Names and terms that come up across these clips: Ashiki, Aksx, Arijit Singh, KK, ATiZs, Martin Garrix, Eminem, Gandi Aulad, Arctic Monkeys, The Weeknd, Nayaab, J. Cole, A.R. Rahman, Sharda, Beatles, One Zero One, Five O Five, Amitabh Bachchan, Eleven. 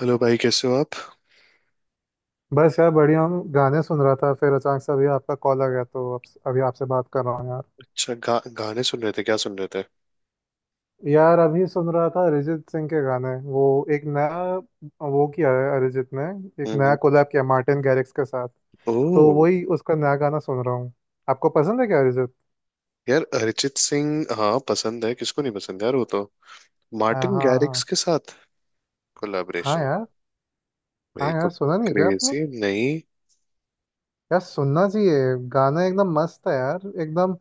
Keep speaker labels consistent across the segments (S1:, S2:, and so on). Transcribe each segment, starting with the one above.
S1: Hello भाई, कैसे हो आप।
S2: बस यार बढ़िया हूँ। गाने सुन रहा था, फिर अचानक से अभी आपका कॉल आ गया तो अब अभी आपसे बात कर रहा हूँ यार।
S1: अच्छा, गाने सुन रहे थे, क्या सुन रहे थे।
S2: यार अभी सुन रहा था अरिजीत सिंह के गाने। वो एक नया वो किया है अरिजीत ने, एक नया
S1: हम्म।
S2: कोलैब किया मार्टिन गैरिक्स के साथ। तो
S1: ओह।
S2: वही उसका नया गाना सुन रहा हूँ। आपको पसंद है क्या अरिजीत?
S1: यार अरिजीत सिंह, हाँ पसंद है, किसको नहीं पसंद यार, वो तो।
S2: हाँ
S1: मार्टिन
S2: हाँ हाँ।
S1: गैरिक्स के साथ
S2: हाँ
S1: कोलैबोरेशन।
S2: यार। हाँ
S1: भाई तो।
S2: यार, सुना नहीं क्या आपने?
S1: क्रेजी नहीं।
S2: यार सुनना चाहिए, गाना एकदम मस्त है यार एकदम।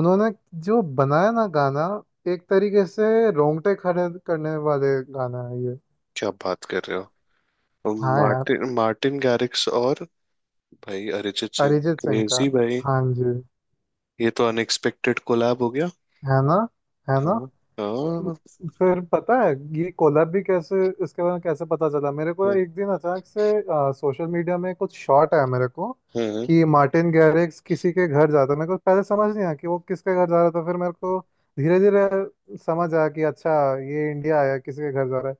S2: उन्होंने जो बनाया ना गाना, एक तरीके से रोंगटे खड़े करने वाले गाना है ये।
S1: क्या बात कर रहे हो।
S2: हाँ यार।
S1: मार्टिन मार्टिन गैरिक्स और भाई अरिजीत सिंह,
S2: अरिजीत सिंह का।
S1: क्रेजी भाई।
S2: हाँ जी।
S1: ये तो अनएक्सपेक्टेड कोलैब हो गया।
S2: है ना? है ना?
S1: हाँ। हाँ।
S2: फिर पता है ये कोलैब भी कैसे, इसके बारे में कैसे पता चला मेरे को?
S1: हम्म।
S2: एक दिन अचानक से सोशल मीडिया में कुछ शॉट आया मेरे को
S1: हम्म।
S2: कि मार्टिन गैरिक्स किसी के घर जाता है। मेरे को पहले समझ नहीं आया कि वो किसके घर जा रहा था, फिर मेरे को धीरे धीरे समझ आया कि अच्छा, ये इंडिया आया किसी के घर जा रहा है।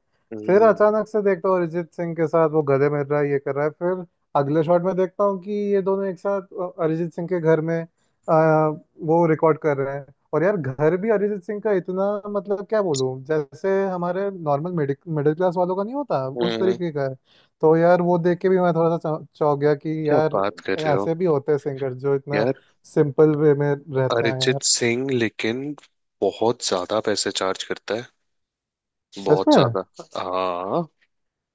S2: फिर
S1: हम्म।
S2: अचानक से देखता हूँ अरिजीत सिंह के साथ वो गले मिल रहा है, ये कर रहा है, फिर अगले शॉट में देखता हूँ कि ये दोनों एक साथ अरिजीत सिंह के घर में वो रिकॉर्ड कर रहे हैं। और यार घर भी अरिजीत सिंह का इतना, मतलब क्या बोलूं, जैसे हमारे नॉर्मल मिडिल मिडिल क्लास वालों का नहीं होता उस
S1: हम्म।
S2: तरीके का है। तो यार वो देख के भी मैं थोड़ा सा चौंक गया कि
S1: क्या
S2: यार
S1: बात कर रहे हो।
S2: ऐसे भी होते हैं सिंगर जो इतना
S1: यार
S2: सिंपल वे में रहते हैं
S1: अरिजीत
S2: यार।
S1: सिंह लेकिन बहुत ज्यादा पैसे चार्ज करता है,
S2: सच
S1: बहुत
S2: में।
S1: ज्यादा। हाँ।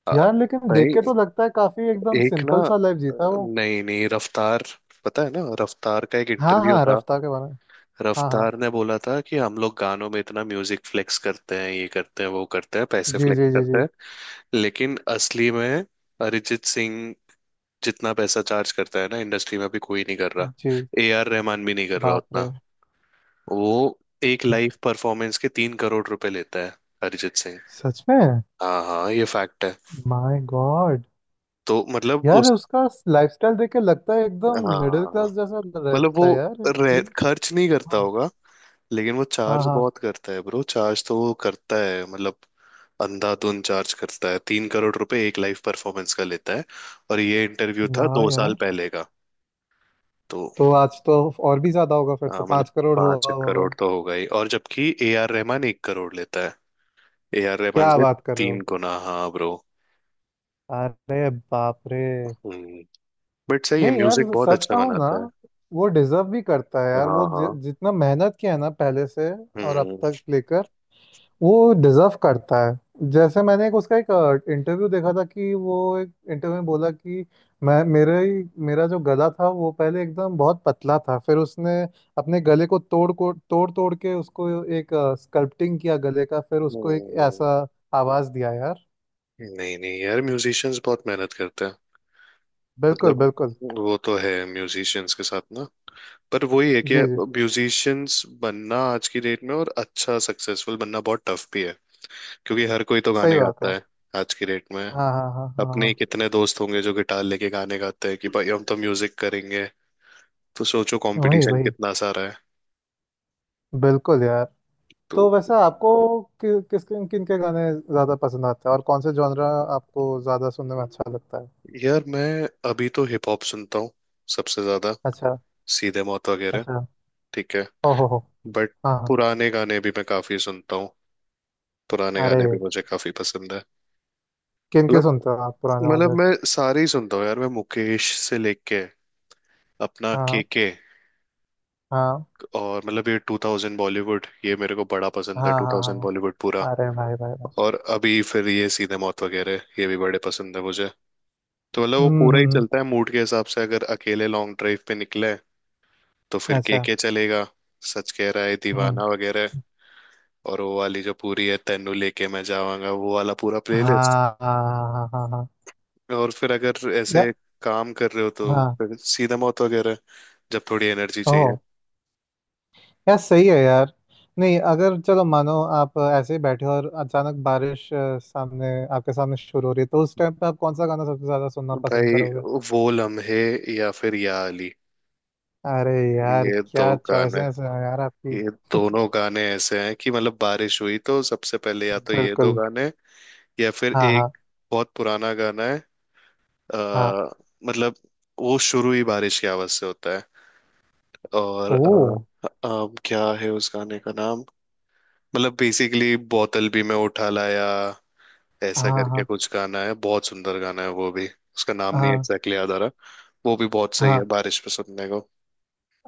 S1: आ,
S2: यार लेकिन देख
S1: भाई,
S2: के तो लगता है काफी एकदम
S1: एक ना,
S2: सिंपल सा लाइफ जीता है वो।
S1: नहीं नहीं, रफ्तार, पता है ना रफ्तार का एक
S2: हाँ
S1: इंटरव्यू
S2: हाँ,
S1: था।
S2: रफ्तार के बारे में। हाँ हाँ।
S1: रफ्तार ने बोला था कि हम लोग गानों में इतना म्यूजिक फ्लेक्स करते हैं, ये करते हैं, वो करते हैं, पैसे
S2: जी
S1: फ्लेक्स
S2: जी जी
S1: करते
S2: जी।
S1: हैं। लेकिन असली में अरिजीत सिंह जितना पैसा चार्ज करता है ना, इंडस्ट्री में अभी कोई नहीं कर रहा।
S2: जी।
S1: ए आर रहमान भी नहीं कर रहा
S2: बाप
S1: उतना।
S2: रे।
S1: वो एक लाइव परफॉर्मेंस के 3 करोड़ रुपए लेता है, अरिजीत सिंह।
S2: सच में।
S1: हाँ हाँ, ये फैक्ट है।
S2: My god.
S1: तो मतलब
S2: यार
S1: उस।
S2: उसका लाइफस्टाइल देख के लगता है एकदम मिडिल
S1: हाँ
S2: क्लास जैसा
S1: मतलब वो
S2: रहता है यार। ये
S1: खर्च नहीं करता
S2: हाँ।
S1: होगा। लेकिन वो
S2: हाँ
S1: चार्ज
S2: हाँ।
S1: बहुत करता है ब्रो, चार्ज तो वो करता है, मतलब अंधाधुन चार्ज करता है। 3 करोड़ रुपए एक लाइव परफॉर्मेंस का लेता है, और ये इंटरव्यू था
S2: वाह
S1: दो साल
S2: यार।
S1: पहले का। तो
S2: तो आज तो और भी ज्यादा होगा, फिर तो
S1: हाँ, मतलब
S2: 5 करोड़
S1: पांच
S2: हुआ होगा।
S1: करोड़ तो होगा ही। और जबकि ए आर रहमान 1 करोड़ लेता है, ए आर रहमान
S2: क्या
S1: से
S2: बात कर रहे
S1: तीन
S2: हो?
S1: गुना हाँ ब्रो।
S2: अरे बाप रे।
S1: बट सही है,
S2: नहीं यार,
S1: म्यूजिक बहुत
S2: सच
S1: अच्छा
S2: कहूँ ना,
S1: बनाता है।
S2: वो डिजर्व भी करता है यार। वो
S1: हाँ। हाँ।
S2: जितना मेहनत किया है ना पहले से और अब
S1: हम्म।
S2: तक लेकर, वो डिजर्व करता है। जैसे मैंने एक उसका एक इंटरव्यू देखा था कि वो एक इंटरव्यू में बोला कि मैं मेरे ही मेरा जो गला था वो पहले एकदम बहुत पतला था, फिर उसने अपने गले को तोड़ तोड़ के उसको एक स्कल्पटिंग किया गले का, फिर उसको एक
S1: हम्म।
S2: ऐसा आवाज दिया यार।
S1: नहीं नहीं यार, म्यूजिशियंस बहुत मेहनत करते हैं।
S2: बिल्कुल
S1: मतलब,
S2: बिल्कुल।
S1: वो तो है म्यूजिशियंस के साथ ना। पर वही है कि
S2: जी जी।
S1: म्यूजिशियंस बनना आज की डेट में और अच्छा सक्सेसफुल बनना बहुत टफ भी है, क्योंकि हर कोई तो
S2: सही
S1: गाने
S2: बात है।
S1: गाता है आज की डेट में।
S2: हाँ हाँ हाँ हाँ
S1: अपने
S2: हाँ।
S1: ही कितने दोस्त होंगे जो गिटार लेके गाने गाते हैं कि भाई हम तो म्यूजिक करेंगे। तो सोचो
S2: वही
S1: कंपटीशन
S2: वही।
S1: कितना सारा है।
S2: बिल्कुल यार।
S1: तो
S2: तो वैसे आपको किस किन किन के गाने ज्यादा पसंद आते हैं और कौन से जॉनरा आपको ज्यादा सुनने में अच्छा लगता है?
S1: यार मैं, अभी तो हिप हॉप सुनता हूँ सबसे ज्यादा,
S2: अच्छा।
S1: सीधे मौत वगैरह,
S2: अच्छा।
S1: ठीक है।
S2: ओ हो हो।
S1: बट
S2: हाँ हाँ।
S1: पुराने गाने भी मैं काफी सुनता हूँ, पुराने
S2: अरे,
S1: गाने भी मुझे काफी पसंद है।
S2: किन के
S1: मतलब
S2: सुनते हो आप पुराने
S1: मतलब
S2: वाले?
S1: मैं सारे ही सुनता हूँ यार। मैं मुकेश से लेके अपना
S2: हाँ
S1: केके,
S2: हाँ
S1: और मतलब ये 2000 बॉलीवुड ये मेरे को बड़ा पसंद है,
S2: हाँ हाँ
S1: 2000
S2: हाँ।
S1: बॉलीवुड पूरा।
S2: अरे भाई भाई भाई।
S1: और अभी फिर ये सीधे मौत वगैरह, ये भी बड़े पसंद है मुझे। तो मतलब वो पूरा ही
S2: हम्म।
S1: चलता है मूड के हिसाब से। अगर अकेले लॉन्ग ड्राइव पे निकले तो फिर
S2: अच्छा।
S1: केके चलेगा, सच कह रहा है
S2: हम्म।
S1: दीवाना वगैरह। और वो वाली जो पूरी है तेनू लेके मैं जावांगा, वो वाला पूरा प्लेलिस्ट।
S2: हाँ हाँ हाँ हाँ हाँ।
S1: और फिर अगर
S2: या।
S1: ऐसे काम कर रहे हो तो
S2: हाँ।
S1: फिर सीधा मौत वगैरह, जब थोड़ी एनर्जी चाहिए।
S2: ओह। यार सही है यार। नहीं अगर चलो मानो आप ऐसे ही बैठे हो और अचानक बारिश सामने आपके सामने शुरू हो रही है, तो उस टाइम पे आप कौन सा गाना सबसे ज्यादा सुनना पसंद
S1: भाई,
S2: करोगे?
S1: वो लम्हे, या फिर या अली,
S2: अरे यार,
S1: ये दो
S2: क्या
S1: गाने।
S2: चॉइसेस हैं यार आपकी।
S1: ये दोनों गाने ऐसे हैं कि मतलब बारिश हुई तो सबसे पहले या तो ये दो
S2: बिल्कुल।
S1: गाने, या फिर
S2: हाँ हाँ
S1: एक बहुत पुराना गाना है।
S2: हाँ।
S1: आ, मतलब, वो शुरू ही बारिश की आवाज से होता है। और
S2: ओ।
S1: क्या है उस गाने का नाम। मतलब बेसिकली, बोतल भी मैं उठा लाया, ऐसा
S2: हाँ
S1: करके
S2: हाँ
S1: कुछ गाना है, बहुत सुंदर गाना है वो भी। उसका नाम नहीं
S2: हाँ
S1: एग्जैक्टली याद आ रहा। वो भी बहुत सही
S2: हाँ।
S1: है बारिश में सुनने को।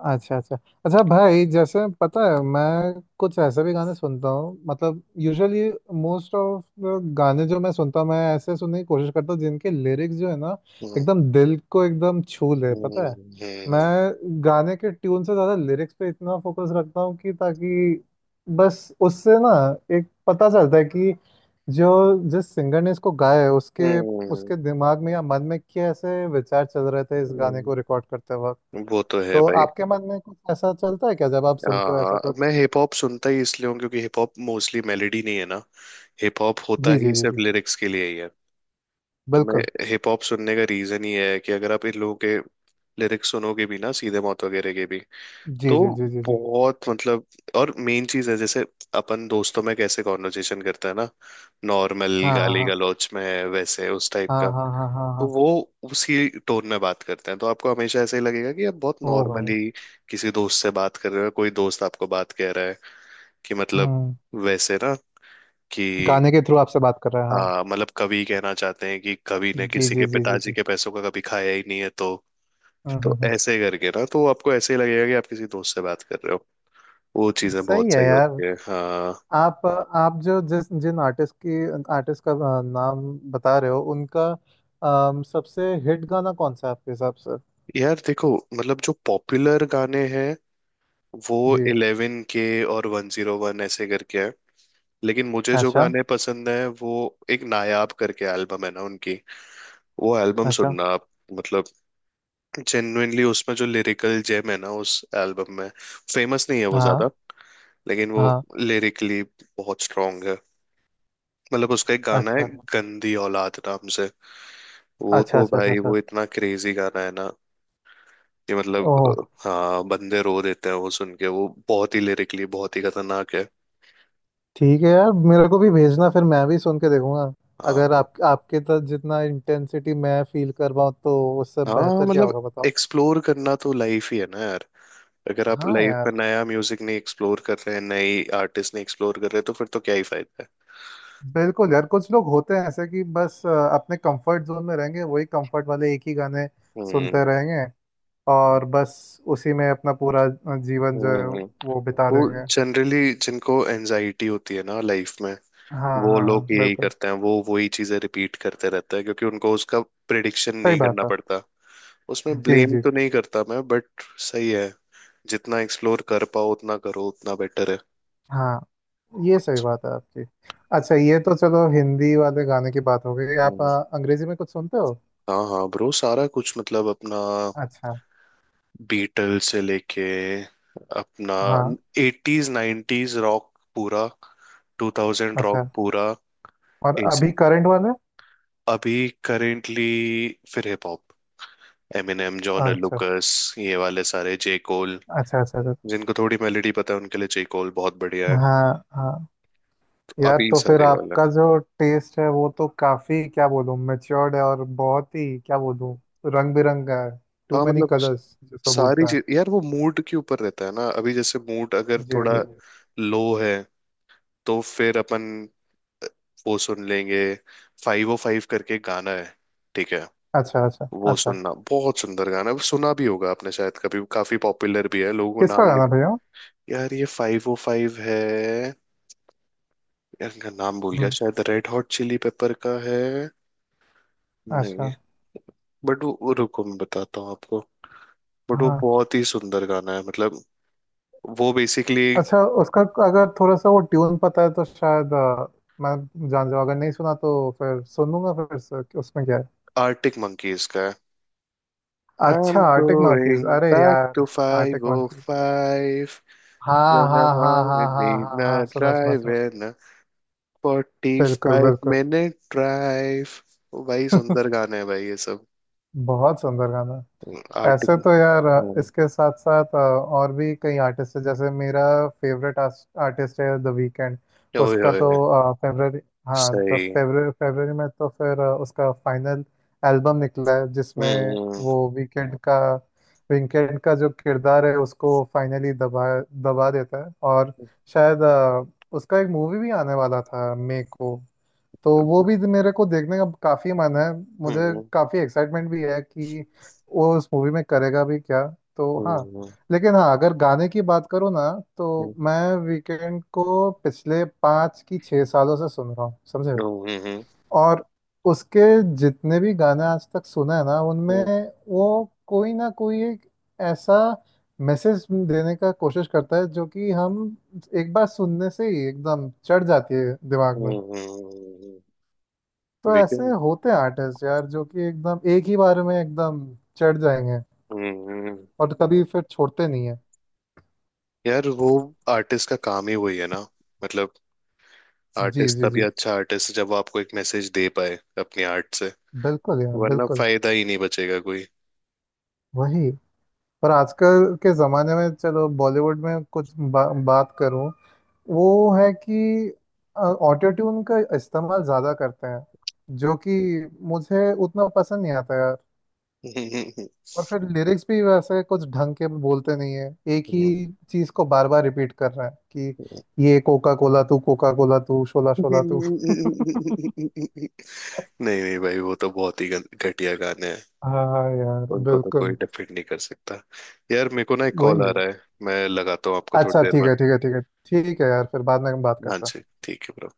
S2: अच्छा अच्छा। अच्छा भाई, जैसे पता है मैं कुछ ऐसे भी गाने सुनता हूँ, मतलब यूजुअली मोस्ट ऑफ गाने जो मैं सुनता हूँ मैं ऐसे सुनने की कोशिश करता हूँ जिनके लिरिक्स जो है ना,
S1: हम्म।
S2: एकदम दिल को एकदम छू ले
S1: हम्म।
S2: पता है। मैं
S1: हम्म।
S2: गाने के ट्यून से ज़्यादा लिरिक्स पे इतना फोकस रखता हूँ कि ताकि बस उससे ना एक पता चलता है कि जो जिस सिंगर ने इसको गाया है उसके,
S1: हम्म।
S2: उसके दिमाग में या मन में कैसे विचार चल रहे थे इस गाने
S1: हम्म।
S2: को रिकॉर्ड करते वक्त।
S1: वो तो है
S2: तो
S1: भाई।
S2: आपके मन में कुछ ऐसा चलता है क्या जब आप
S1: हाँ
S2: सुनते हो ऐसा
S1: हाँ,
S2: कुछ?
S1: मैं हिप हॉप सुनता ही इसलिए हूँ क्योंकि हिप हॉप मोस्टली मेलेडी नहीं है ना, हिप हॉप होता
S2: जी जी
S1: ही
S2: जी
S1: सिर्फ
S2: जी।
S1: लिरिक्स के लिए ही है। तो मैं,
S2: बिल्कुल।
S1: हिप हॉप सुनने का रीजन ही है कि अगर आप इन लोगों के लिरिक्स सुनोगे भी ना, सीधे मौत वगैरह के भी,
S2: जी
S1: तो
S2: जी जी जी जी।
S1: बहुत मतलब। और मेन चीज है, जैसे अपन दोस्तों में कैसे कॉन्वर्जेशन करते हैं ना, नॉर्मल
S2: हाँ
S1: गाली
S2: हाँ
S1: गलौच में, वैसे उस टाइप
S2: हाँ
S1: का।
S2: हाँ हाँ हाँ हाँ
S1: तो
S2: हाँ।
S1: वो उसी टोन में बात करते हैं, तो आपको हमेशा ऐसे ही लगेगा कि आप बहुत
S2: ओ भाई।
S1: नॉर्मली किसी दोस्त से बात कर रहे हो, कोई दोस्त आपको बात कह रहा है, कि मतलब
S2: हम्म।
S1: वैसे ना, कि
S2: गाने के थ्रू आपसे बात कर रहे हैं हाँ।
S1: हाँ मतलब कवि कहना चाहते हैं कि कवि ने
S2: जी
S1: किसी के
S2: जी जी जी
S1: पिताजी
S2: जी।
S1: के पैसों का कभी खाया ही नहीं है। तो
S2: हम्म हम्म
S1: तो
S2: हम्म।
S1: ऐसे करके ना, तो आपको ऐसे ही लगेगा कि आप किसी दोस्त से बात कर रहे हो। वो चीजें
S2: सही
S1: बहुत
S2: है
S1: सही
S2: यार।
S1: होती है, हाँ।
S2: आप आप जो जिस जिन आर्टिस्ट की आर्टिस्ट का नाम बता रहे हो उनका सबसे हिट गाना कौन सा है आपके हिसाब से?
S1: यार देखो, मतलब जो पॉपुलर गाने हैं वो
S2: जी।
S1: 11 के और 101 ऐसे करके है। लेकिन मुझे जो
S2: अच्छा।
S1: गाने पसंद है, वो एक नायाब करके एल्बम है ना उनकी, वो एल्बम
S2: अच्छा।
S1: सुनना आप। मतलब जेन्युइनली उसमें जो लिरिकल जेम है ना उस एल्बम में, फेमस नहीं है वो
S2: हाँ
S1: ज्यादा, लेकिन वो
S2: हाँ।
S1: लिरिकली बहुत स्ट्रांग है। मतलब उसका एक गाना है,
S2: अच्छा
S1: गंदी औलाद नाम से, वो
S2: अच्छा
S1: तो
S2: अच्छा अच्छा।
S1: भाई
S2: अच्छा।
S1: वो इतना क्रेजी गाना है ना, कि मतलब
S2: ओह।
S1: हाँ, बंदे रो देते हैं वो सुन के, वो बहुत ही लिरिकली बहुत ही खतरनाक है।
S2: ठीक है यार, मेरे को भी भेजना, फिर मैं भी सुन के देखूंगा। अगर
S1: हाँ।
S2: आप आपके तो जितना इंटेंसिटी मैं फील कर पाऊँ, तो उससे
S1: हाँ
S2: बेहतर क्या
S1: मतलब,
S2: होगा बताओ।
S1: एक्सप्लोर करना तो लाइफ ही है ना यार। अगर आप
S2: हाँ
S1: लाइफ में
S2: यार।
S1: नया म्यूजिक नहीं एक्सप्लोर कर रहे हैं, नई आर्टिस्ट नहीं एक्सप्लोर कर रहे, तो फिर तो क्या ही फायदा है।
S2: बिल्कुल यार, कुछ लोग होते हैं ऐसे कि बस अपने कंफर्ट जोन में रहेंगे, वही कंफर्ट वाले एक ही गाने
S1: हम्म।
S2: सुनते रहेंगे, और बस उसी में अपना पूरा जीवन जो है
S1: हम्म।
S2: वो बिता
S1: वो
S2: देंगे।
S1: जनरली जिनको एनजाइटी होती है ना लाइफ में,
S2: हाँ
S1: वो
S2: हाँ
S1: लोग
S2: हाँ
S1: यही
S2: बिल्कुल।
S1: करते हैं, वो वही चीजें रिपीट करते रहते हैं, क्योंकि उनको उसका प्रिडिक्शन
S2: सही
S1: नहीं करना
S2: बात है।
S1: पड़ता। उसमें
S2: जी
S1: ब्लेम
S2: जी।
S1: तो नहीं करता मैं, बट सही है, जितना एक्सप्लोर कर पाओ उतना करो, उतना बेटर है।
S2: हाँ। ये सही बात है आपकी। अच्छा ये तो चलो हिंदी वाले गाने की बात हो गई, आप
S1: हम्म।
S2: अंग्रेजी में कुछ सुनते हो?
S1: हाँ हाँ ब्रो, सारा कुछ, मतलब अपना
S2: अच्छा।
S1: बीटल से लेके, अपना
S2: हाँ।
S1: एटीज 90s रॉक पूरा, टू थाउजेंड
S2: अच्छा।
S1: रॉक पूरा।
S2: और अभी
S1: ऐसे,
S2: करंट वाले?
S1: अभी करेंटली फिर हिप हॉप, एमिनेम, जॉन
S2: अच्छा
S1: लुकस, ये वाले सारे, जे कोल।
S2: अच्छा अच्छा अच्छा।
S1: जिनको थोड़ी मेलोडी पता है उनके लिए जे कोल बहुत बढ़िया है।
S2: हाँ हाँ।
S1: तो
S2: यार
S1: अभी
S2: तो फिर
S1: सारे ये वाले।
S2: आपका जो टेस्ट है वो तो काफी, क्या बोलूँ, मेच्योर्ड है, और बहुत ही क्या बोलूँ, रंग बिरंगा है। टू
S1: हाँ
S2: मेनी
S1: मतलब,
S2: कलर्स जिसको
S1: सारी
S2: बोलता है।
S1: चीज यार वो मूड के ऊपर रहता है ना। अभी जैसे मूड अगर
S2: जी
S1: थोड़ा
S2: जी।
S1: लो है, तो फिर अपन वो सुन लेंगे, 505 करके गाना है, ठीक है।
S2: अच्छा अच्छा
S1: वो
S2: अच्छा।
S1: सुनना, बहुत सुंदर गाना है, सुना भी होगा आपने शायद कभी, काफी पॉपुलर भी है, लोगों को
S2: किसका
S1: नाम नहीं
S2: गाना भैया?
S1: पता। यार ये 505 है, यार इनका नाम भूल गया,
S2: हम्म,
S1: शायद रेड हॉट चिली पेपर का है। नहीं,
S2: अच्छा।
S1: बट वो रुको मैं बताता हूँ आपको। बट वो
S2: हाँ।
S1: बहुत ही सुंदर गाना है, मतलब वो बेसिकली
S2: अच्छा उसका, अगर थोड़ा सा वो ट्यून पता है तो शायद मैं जान जाऊँ, अगर नहीं सुना तो फिर सुनूंगा फिर से कि उसमें क्या है।
S1: आर्टिक मंकीज का है। आई एम
S2: अच्छा आर्टिक
S1: गोइंग
S2: मंकीज, अरे
S1: बैक टू
S2: यार।
S1: Five
S2: Arctic
S1: O
S2: Monkeys.
S1: Five
S2: हाँ
S1: when
S2: हाँ
S1: I'm
S2: हाँ
S1: on a
S2: हाँ हाँ हाँ हाँ,
S1: midnight
S2: सुना सुना
S1: drive
S2: सुना।
S1: and a
S2: बिल्कुल
S1: 45
S2: बिल्कुल।
S1: minute drive। भाई सुंदर गाने हैं भाई ये सब।
S2: बहुत सुंदर गाना।
S1: आर्टिक।
S2: ऐसे तो यार
S1: ओए।
S2: इसके साथ साथ और भी कई आर्टिस्ट है, जैसे मेरा फेवरेट आर्टिस्ट है द वीकेंड। उसका
S1: ओए।
S2: तो फेब्रवरी, हाँ तो
S1: सही।
S2: फेब्रवरी, फेब्रवरी में तो फिर उसका फाइनल एल्बम निकला है जिसमें
S1: हम्म।
S2: वो वीकेंड का, वीकेंड का जो किरदार है उसको फाइनली दबा दबा देता है, और शायद उसका एक मूवी भी आने वाला था मे को, तो वो भी तो मेरे को देखने का काफी मन है। मुझे
S1: हम्म।
S2: काफी एक्साइटमेंट भी है कि वो उस मूवी में करेगा भी क्या। तो हाँ, लेकिन हाँ अगर गाने की बात करूँ ना, तो मैं वीकेंड को पिछले 5 की 6 सालों से सुन रहा हूँ समझे।
S1: हम्म। हम्म।
S2: और उसके जितने भी गाने आज तक सुने हैं ना उनमें
S1: वीकेंड।
S2: वो कोई ना कोई एक ऐसा मैसेज देने का कोशिश करता है जो कि हम एक बार सुनने से ही एकदम चढ़ जाती है दिमाग
S1: हम्म।
S2: में।
S1: हम्म। हम्म। हम्म। हम्म। हम्म। हम्म। हम्म। हम्म। हम्म।
S2: तो ऐसे
S1: हम्म।
S2: होते हैं आर्टिस्ट यार जो कि एकदम एक ही बार में एकदम चढ़ जाएंगे
S1: हम्म।
S2: और कभी फिर छोड़ते नहीं है।
S1: यार वो आर्टिस्ट का काम ही वही है ना। मतलब,
S2: जी
S1: आर्टिस्ट
S2: जी
S1: तभी
S2: जी।
S1: अच्छा आर्टिस्ट जब वो आपको एक मैसेज दे पाए अपनी आर्ट से,
S2: बिल्कुल यार,
S1: वरना
S2: बिल्कुल।
S1: फायदा ही नहीं बचेगा कोई।
S2: वही। पर आजकल के ज़माने में चलो बॉलीवुड में कुछ बात करूं, वो है कि ऑटो ट्यून का इस्तेमाल ज़्यादा करते हैं, जो कि मुझे उतना पसंद नहीं आता।
S1: नहीं
S2: और फिर लिरिक्स भी वैसे कुछ ढंग के बोलते नहीं है, एक ही चीज को बार बार रिपीट कर रहे हैं कि ये कोका कोला तू शोला शोला तू।
S1: नहीं भाई, वो तो बहुत ही घटिया गाने हैं,
S2: हाँ यार
S1: उनको तो कोई
S2: बिल्कुल।
S1: डिफेंड नहीं कर सकता। यार मेरे को ना एक कॉल
S2: वही
S1: आ
S2: है।
S1: रहा है, मैं लगाता हूँ आपको थोड़ी
S2: अच्छा
S1: देर
S2: ठीक
S1: में।
S2: है ठीक है ठीक है। ठीक है यार, फिर बाद में हम बात
S1: हाँ
S2: करते
S1: जी,
S2: हैं।
S1: ठीक है ब्रो।